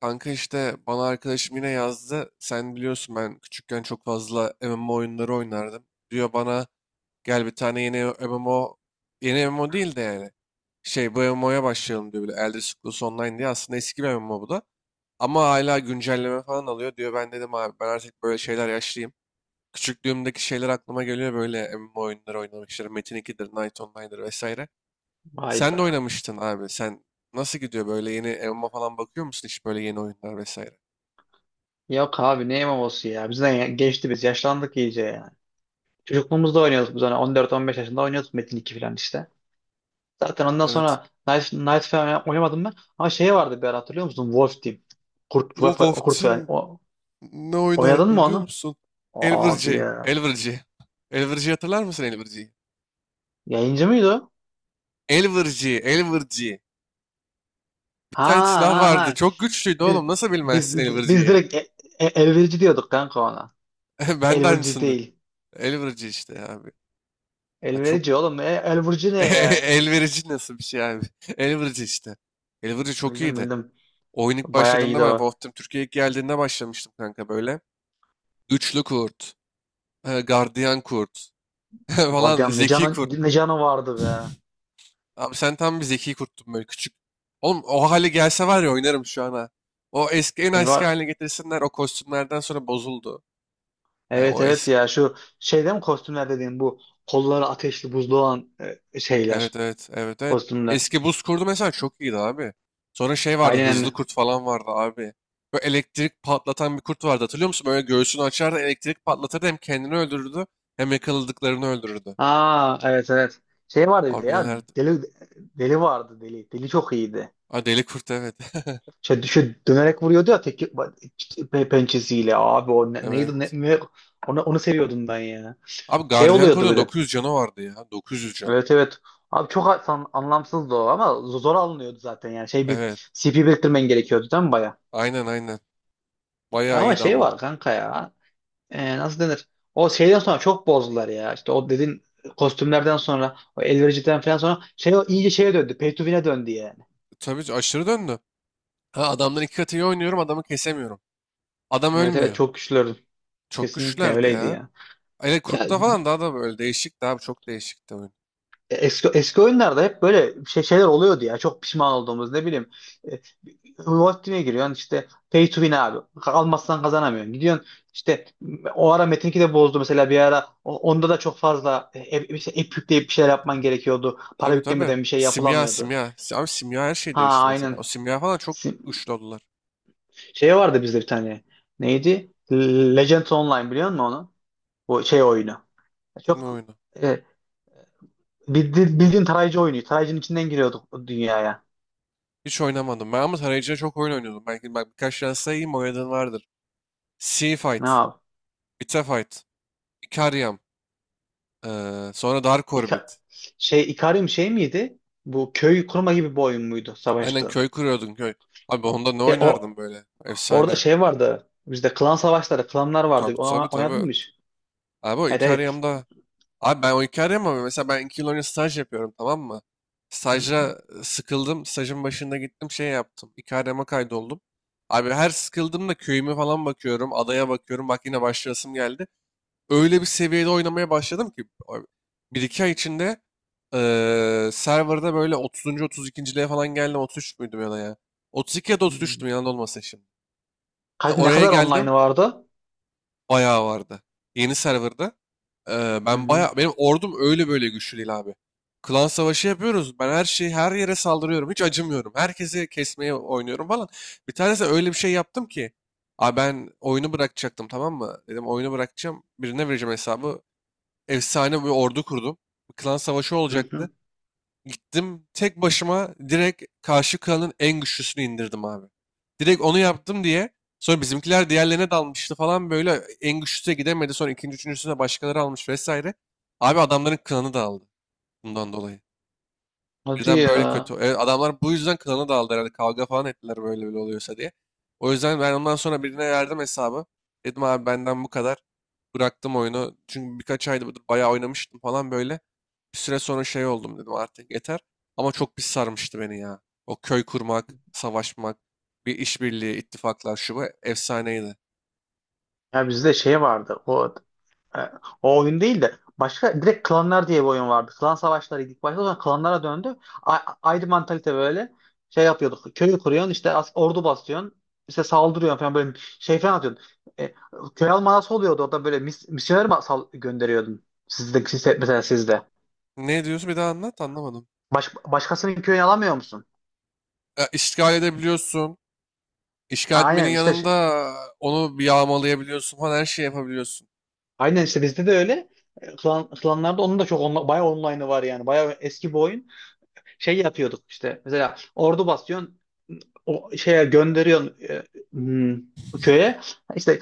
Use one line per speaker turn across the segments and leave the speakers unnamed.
Kanka işte bana arkadaşım yine yazdı. Sen biliyorsun ben küçükken çok fazla MMO oyunları oynardım. Diyor bana gel bir tane yeni MMO, yeni MMO değil de yani. Şey bu MMO'ya başlayalım diyor bile. Elder Scrolls Online diye aslında eski bir MMO bu da. Ama hala güncelleme falan alıyor diyor. Ben dedim abi ben artık böyle şeyler yaşlıyım. Küçüklüğümdeki şeyler aklıma geliyor böyle MMO oyunları oynamışlar. Metin 2'dir, Knight Online'dır vesaire.
Vay
Sen de
be.
oynamıştın abi. Sen nasıl gidiyor böyle yeni MMO falan bakıyor musun hiç böyle yeni oyunlar vesaire?
Yok abi ne MMO'su ya. Bizden geçti biz. Yaşlandık iyice yani. Çocukluğumuzda oynuyorduk biz hani 14-15 yaşında oynuyorduk Metin iki falan işte. Zaten ondan
Evet.
sonra Knight falan oynamadım ben. Ama şey vardı bir ara hatırlıyor musun? Wolf Team. Kurt,
Of of
kurt yani.
Tim ne
Oynadın mı
oynardım biliyor
onu?
musun?
Abi
Elvırcı,
ya.
Elvırcı. Elvırcı hatırlar mısın Elvırcı'yı?
Yayıncı mıydı o?
Elvırcı, Elvırcı. Bir
Ha
tane silah
ha
vardı.
ha.
Çok güçlüydü
Biz
oğlum. Nasıl
biz
bilmezsin
biz
Elvırcı'yı?
direkt elverici diyorduk kanka ona.
Ben de
Elverici
aynısını.
değil.
Elvırcı işte abi. Ha, çok
Elverici oğlum. Elverici ne ya?
elverici nasıl bir şey abi? Elvırcı işte. Elvırcı çok
Bildim
iyiydi.
bildim.
Oyun ilk
Bayağı
başladığında
iyiydi
ben
o.
Wolf Team Türkiye'ye ilk geldiğinde başlamıştım kanka böyle. Güçlü kurt, gardiyan kurt falan,
Guardian ne
zeki
canı,
kurt.
ne canı vardı be.
Abi sen tam bir zeki kurttun böyle küçük. Oğlum o hale gelse var ya oynarım şu an ha. O eski en
E
eski
var.
haline getirsinler o kostümlerden sonra bozuldu. Yani
Evet
o
evet
eski.
ya şu şeyde mi kostümler dediğim bu kolları ateşli buzlu olan
Evet
şeyler
evet evet evet.
kostümler.
Eski buz kurdu mesela çok iyiydi abi. Sonra şey vardı hızlı
Aynen.
kurt falan vardı abi. Böyle elektrik patlatan bir kurt vardı hatırlıyor musun? Böyle göğsünü açardı elektrik patlatırdı hem kendini öldürürdü hem yakaladıklarını öldürürdü.
Aa evet evet. Şey vardı bir de
Abi
ya
nelerdi?
deli vardı deli. Deli çok iyiydi.
Ha, deli kurt evet.
Şey, şu dönerek vuruyordu ya tek pençesiyle abi o ne- neydi ne,
Evet.
ne- onu seviyordum ben ya.
Abi
Şey
gardiyan
oluyordu
kurdun
bir de.
900 canı vardı ya. 900 can.
Evet evet. Abi çok anlamsızdı o ama zor alınıyordu zaten yani. Şey bir
Evet.
CP biriktirmen gerekiyordu değil mi baya?
Aynen aynen.
Ya
Bayağı
ama
iyiydi
şey
ama.
var kanka ya. Nasıl denir? O şeyden sonra çok bozdular ya. İşte o dediğin kostümlerden sonra o elvericiden falan sonra şey o iyice şeye döndü. Pay to win'e döndü yani.
Tabii aşırı döndü. Ha adamdan iki katı iyi oynuyorum adamı kesemiyorum. Adam
Evet evet
ölmüyor.
çok güçlüydü.
Çok
Kesinlikle
güçlülerdi
öyleydi
ya.
ya.
Hele
Ya
kurtta falan daha da böyle değişikti abi çok değişikti oyun.
eski oyunlarda hep böyle şeyler oluyordu ya. Çok pişman olduğumuz ne bileyim. e, Wolfteam'e giriyorsun işte pay to win abi. Almazsan kazanamıyorsun. Gidiyorsun işte o ara Metin 2 de bozdu mesela bir ara onda da çok fazla hep, işte app yükleyip bir şeyler yapman gerekiyordu. Para
Tabii tabii.
yüklemeden bir şey
Simya
yapılamıyordu.
simya. Abi simya her şey
Ha
değişti mesela.
aynen.
O simya falan çok
Sim-
güçlü oldular.
Şey vardı bizde bir tane. Neydi? Legends Online biliyor musun onu? Bu şey oyunu.
Ne
Çok
oyunu?
e, bildiğin tarayıcı oyunu. Tarayıcının içinden giriyorduk o dünyaya.
Hiç oynamadım. Ben ama tarayıcıda çok oyun oynuyordum. Belki bak birkaç tane sayayım oynadığın vardır. Sea
Ne
Fight,
yap?
Bita Fight, Ikariam, sonra Dark Orbit.
İka- Şey Ikarium şey miydi? Bu köy kurma gibi bir oyun muydu
Aynen
savaşta?
köy kuruyordun köy. Abi onda ne
E, o
oynardım böyle?
Orada
Efsane.
şey vardı. Bizde klan savaşları, klanlar vardı.
Tabii tabii
Ona, oynadın
tabii.
mı hiç?
Abi o
Hayır, hayır.
Ikariam'da. Abi ben o Ikariam ama mesela ben 2 yıl önce staj yapıyorum tamam mı?
Hı hı
Stajda sıkıldım. Stajın başında gittim şey yaptım. Ikariam'a kaydoldum. Abi her sıkıldığımda köyüme falan bakıyorum. Adaya bakıyorum. Bak yine başlayasım geldi. Öyle bir seviyede oynamaya başladım ki. Bir iki ay içinde serverda böyle 30. 32.liğe falan geldim. 33 müydüm ya da ya? 32 ya da
hı.
33'tüm yanında olmasın şimdi.
Ne
Oraya
kadar online'ı
geldim.
vardı?
Bayağı vardı. Yeni serverda.
Hı
Ben
hı.
baya benim ordum öyle böyle güçlü değil abi. Klan savaşı yapıyoruz. Ben her şeyi her yere saldırıyorum. Hiç acımıyorum. Herkesi kesmeye oynuyorum falan. Bir tanesi öyle bir şey yaptım ki. Abi ben oyunu bırakacaktım tamam mı? Dedim oyunu bırakacağım. Birine vereceğim hesabı. Efsane bir ordu kurdum. Klan savaşı
Hı hı.
olacaktı. Gittim tek başıma direkt karşı kralın en güçlüsünü indirdim abi. Direkt onu yaptım diye sonra bizimkiler diğerlerine dalmıştı falan böyle en güçlüsüne gidemedi. Sonra ikinci üçüncüsüne başkaları almış vesaire. Abi adamların klanı dağıldı bundan dolayı.
Hadi
Birden böyle
ya.
kötü. Evet, adamlar bu yüzden klana daldı herhalde. Kavga falan ettiler böyle böyle oluyorsa diye. O yüzden ben ondan sonra birine verdim hesabı. Dedim abi benden bu kadar. Bıraktım oyunu. Çünkü birkaç ayda bayağı oynamıştım falan böyle. Bir süre sonra şey oldum dedim artık yeter. Ama çok pis sarmıştı beni ya. O köy kurmak, savaşmak, bir işbirliği, ittifaklar şu bu efsaneydi.
Ya bizde şey vardı. E, O oyun değil de başka direkt klanlar diye bir oyun vardı. Klan savaşlarıydı ilk başta sonra klanlara döndü. Ayrı mantalite böyle şey yapıyorduk. Köyü kuruyorsun işte ordu basıyorsun. İşte saldırıyorsun falan böyle şey falan atıyordun. E, Köy almanası oluyordu orada böyle misyoner mi gönderiyordun? Sizde, sizde, mesela sizde.
Ne diyorsun bir daha anlat anlamadım.
Başkasının köyünü alamıyor musun?
Ya, işgal edebiliyorsun.
Ha,
İşgal etmenin
aynen işte şey-
yanında onu bir yağmalayabiliyorsun falan her şeyi yapabiliyorsun.
aynen işte bizde de öyle. Klanlarda onun da çok bayağı online'ı var yani. Bayağı eski bir oyun. Şey yapıyorduk işte mesela ordu basıyorsun o şeye gönderiyorsun, hmm, köye işte,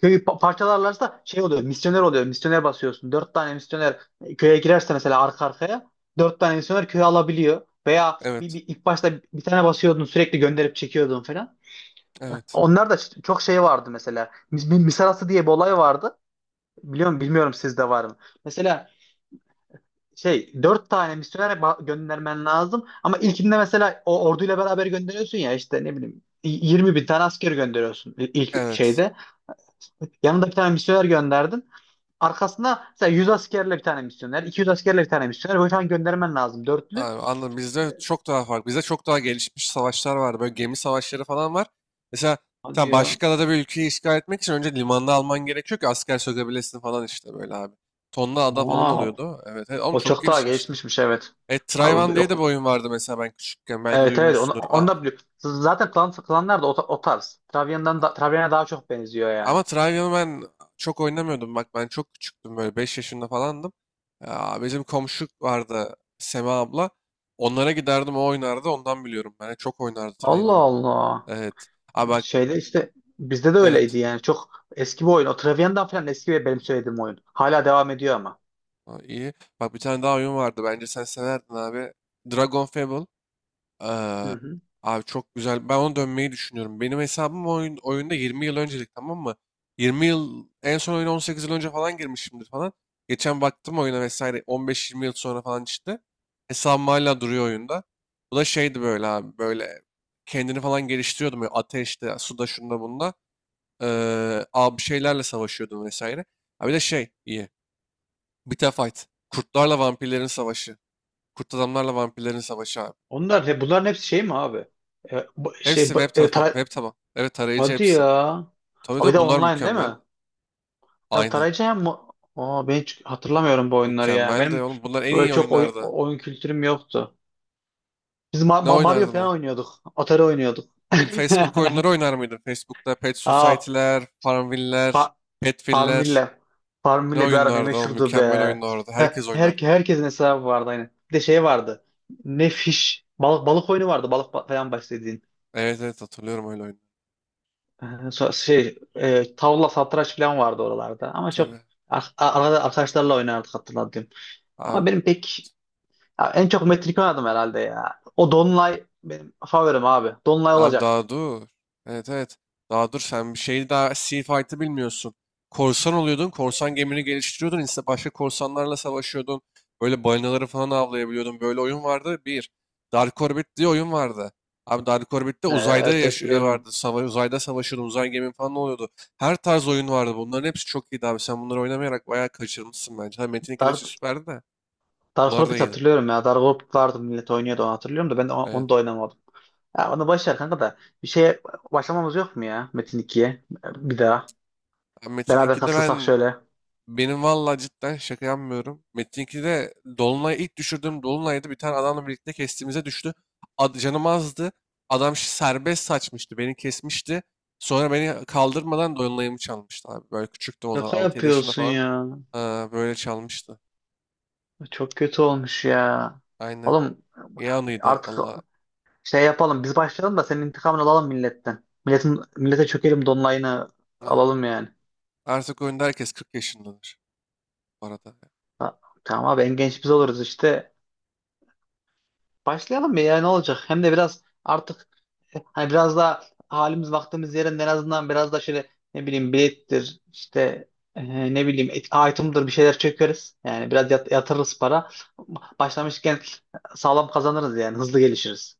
köyü parçalarlarsa şey oluyor, misyoner oluyor, misyoner basıyorsun dört tane misyoner, köye girerse mesela arka arkaya dört tane misyoner köyü alabiliyor, veya
Evet.
ilk başta bir tane basıyordun sürekli gönderip çekiyordun falan.
Evet.
Onlar da çok şey vardı mesela misarası diye bir olay vardı, biliyorum bilmiyorum sizde var mı. Mesela şey, dört tane misyoner göndermen lazım. Ama ilkinde mesela o orduyla beraber gönderiyorsun ya işte ne bileyim 20 bin tane asker gönderiyorsun ilk
Evet.
şeyde. Yanında bir tane misyoner gönderdin. Arkasına mesela 100 askerle bir tane misyoner, 200 askerle bir tane misyoner. Böyle falan göndermen lazım dörtlü.
Abi, anladım. Bizde çok daha farklı. Bizde çok daha gelişmiş savaşlar var. Böyle gemi savaşları falan var. Mesela
Hadi
sen
ya.
başka da bir ülkeyi işgal etmek için önce limanda alman gerekiyor ki asker sökebilesin falan işte böyle abi. Tonla ada falan
Wow.
oluyordu. Evet. Evet. Ama
O
çok
çok daha
gelişmişti.
gelişmişmiş evet.
Trayvan
Abi
diye de
yok.
bir oyun vardı mesela ben küçükken. Belki
Evet evet, onu,
duymuşsundur.
onu da biliyorum. Zaten klanlar da o tarz. Travian'a daha çok benziyor yani.
Ama Trivial'ı ben çok oynamıyordum. Bak ben çok küçüktüm böyle 5 yaşında falandım. Ya, bizim komşu vardı Sema abla. Onlara giderdim o oynardı ondan biliyorum. Ben çok oynardı
Allah
Trivial'ı.
Allah.
Evet. Aa bak
Şeyle işte bizde de
evet.
öyleydi yani. Çok eski bir oyun. O Travian'dan falan eski ve benim söylediğim oyun. Hala devam ediyor ama.
Aa, iyi. Bak bir tane daha oyun vardı bence sen severdin abi. Dragon Fable.
Hı
Eee,
hı.
abi çok güzel. Ben ona dönmeyi düşünüyorum. Benim hesabım oyun, oyunda 20 yıl öncelik tamam mı? 20 yıl en son oyuna 18 yıl önce falan girmişimdir falan. Geçen baktım oyuna vesaire 15-20 yıl sonra falan çıktı. Hesabım hala duruyor oyunda. Bu da şeydi böyle abi böyle kendini falan geliştiriyordum. Böyle ateşte, suda, şunda, bunda. Abi bir şeylerle savaşıyordum vesaire. Ha bir de şey iyi. Bita Fight. Kurtlarla vampirlerin savaşı. Kurt adamlarla vampirlerin savaşı abi.
Bunların hepsi şey mi abi?
Hepsi web tapa,
Tara-.
web taba. Evet tarayıcı
Hadi
hepsi.
ya.
Tabii
Abi bir
tabii
de
bunlar
online değil
mükemmel.
mi? Hem
Aynen.
tarayıcı hem mo-. Aa, ben hiç hatırlamıyorum bu oyunları ya.
Mükemmel de
Benim
oğlum bunlar en
böyle
iyi
çok
oyunlardı.
oyun kültürüm yoktu. Biz
Ne
Mario
oynardım
falan
ben?
oynuyorduk. Atari oynuyorduk.
Abi Facebook oyunları oynar mıydım? Facebook'ta Pet
Aa,
Society'ler, Farmville'ler,
fa-
Petville'ler.
Farmville.
Ne
Farmville bir ara ne
oyunlardı oğlum?
meşhurdu be.
Mükemmel oyunlardı. Herkes oynardı.
Herkesin hesabı vardı aynı. Bir de şey vardı. Ne fiş. Balık oyunu vardı. Falan başladığın.
Evet evet hatırlıyorum öyle oyunları.
Tavla satranç falan vardı oralarda. Ama çok
Tabii.
arada arkadaşlarla oynardık, hatırladım. Ama
Abi
benim pek, ya en çok Metin iki oynadım herhalde ya. O Donlay benim favorim abi. Donlay
Abi
olacak.
daha dur. Evet evet. Daha dur sen bir şeyi daha Sea Fight'ı bilmiyorsun. Korsan oluyordun. Korsan gemini geliştiriyordun. İşte başka korsanlarla savaşıyordun. Böyle balinaları falan avlayabiliyordun. Böyle oyun vardı. Bir. Dark Orbit diye oyun vardı. Abi Dark Orbit'te uzayda
Evet,
yaş
evet biliyorum. Onu.
vardı. Uzayda savaşıyordun. Uzay gemin falan oluyordu. Her tarz oyun vardı. Bunların hepsi çok iyiydi abi. Sen bunları oynamayarak bayağı kaçırmışsın bence. Ha, Metin 2 de
Dark,
süperdi de.
Dark
Bunlar da
Orbit
iyiydi.
hatırlıyorum ya. Dark Orbit vardı, millet oynuyordu onu hatırlıyorum da, ben de
Evet.
onu da oynamadım. Ya onu boş ver kanka da. Bir şeye başlamamız yok mu ya Metin 2'ye? Bir daha.
Ha, Metin
Beraber
2'de
katılsak
ben
şöyle.
Benim valla cidden şaka yapmıyorum. Metin'inki de Dolunay ilk düşürdüğüm Dolunay'da bir tane adamla birlikte kestiğimize düştü. Canım azdı. Adam serbest saçmıştı. Beni kesmişti. Sonra beni kaldırmadan Dolunay'ımı çalmıştı abi. Böyle küçüktüm o zaman.
Şaka
6-7 yaşında
yapıyorsun
falan.
ya.
Aa, böyle çalmıştı.
Çok kötü olmuş ya.
Aynen.
Oğlum
İyi anıydı
artık
Allah.
şey yapalım. Biz başlayalım da senin intikamını alalım milletten. Millete çökelim, donlayını alalım yani.
Artık oyunda herkes 40 yaşındadır bu arada.
Ha, tamam abi, en genç biz oluruz işte. Başlayalım mı ya, ne olacak? Hem de biraz artık, hani biraz daha halimiz vaktimiz yerinde, en azından biraz da şöyle ne bileyim bilettir işte, item'dır bir şeyler çökeriz. Yani biraz yatırırız para. Başlamışken sağlam kazanırız yani, hızlı gelişiriz.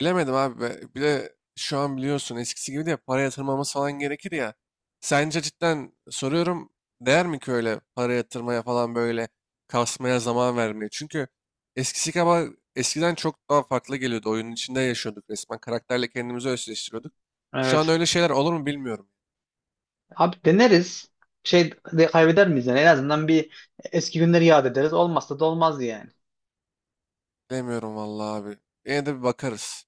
Bilemedim abi. Bir de şu an biliyorsun eskisi gibi de para yatırmamız falan gerekir ya. Sence cidden soruyorum değer mi ki öyle para yatırmaya falan böyle kasmaya zaman vermeye? Çünkü eskisi kadar eskiden çok daha farklı geliyordu. Oyunun içinde yaşıyorduk resmen. Karakterle kendimizi özleştiriyorduk. Şu an
Evet.
öyle şeyler olur mu bilmiyorum.
Abi deneriz. Şey de kaybeder miyiz yani? En azından bir eski günleri yad ederiz. Olmazsa da olmaz yani.
Demiyorum vallahi abi. Yine de bir bakarız.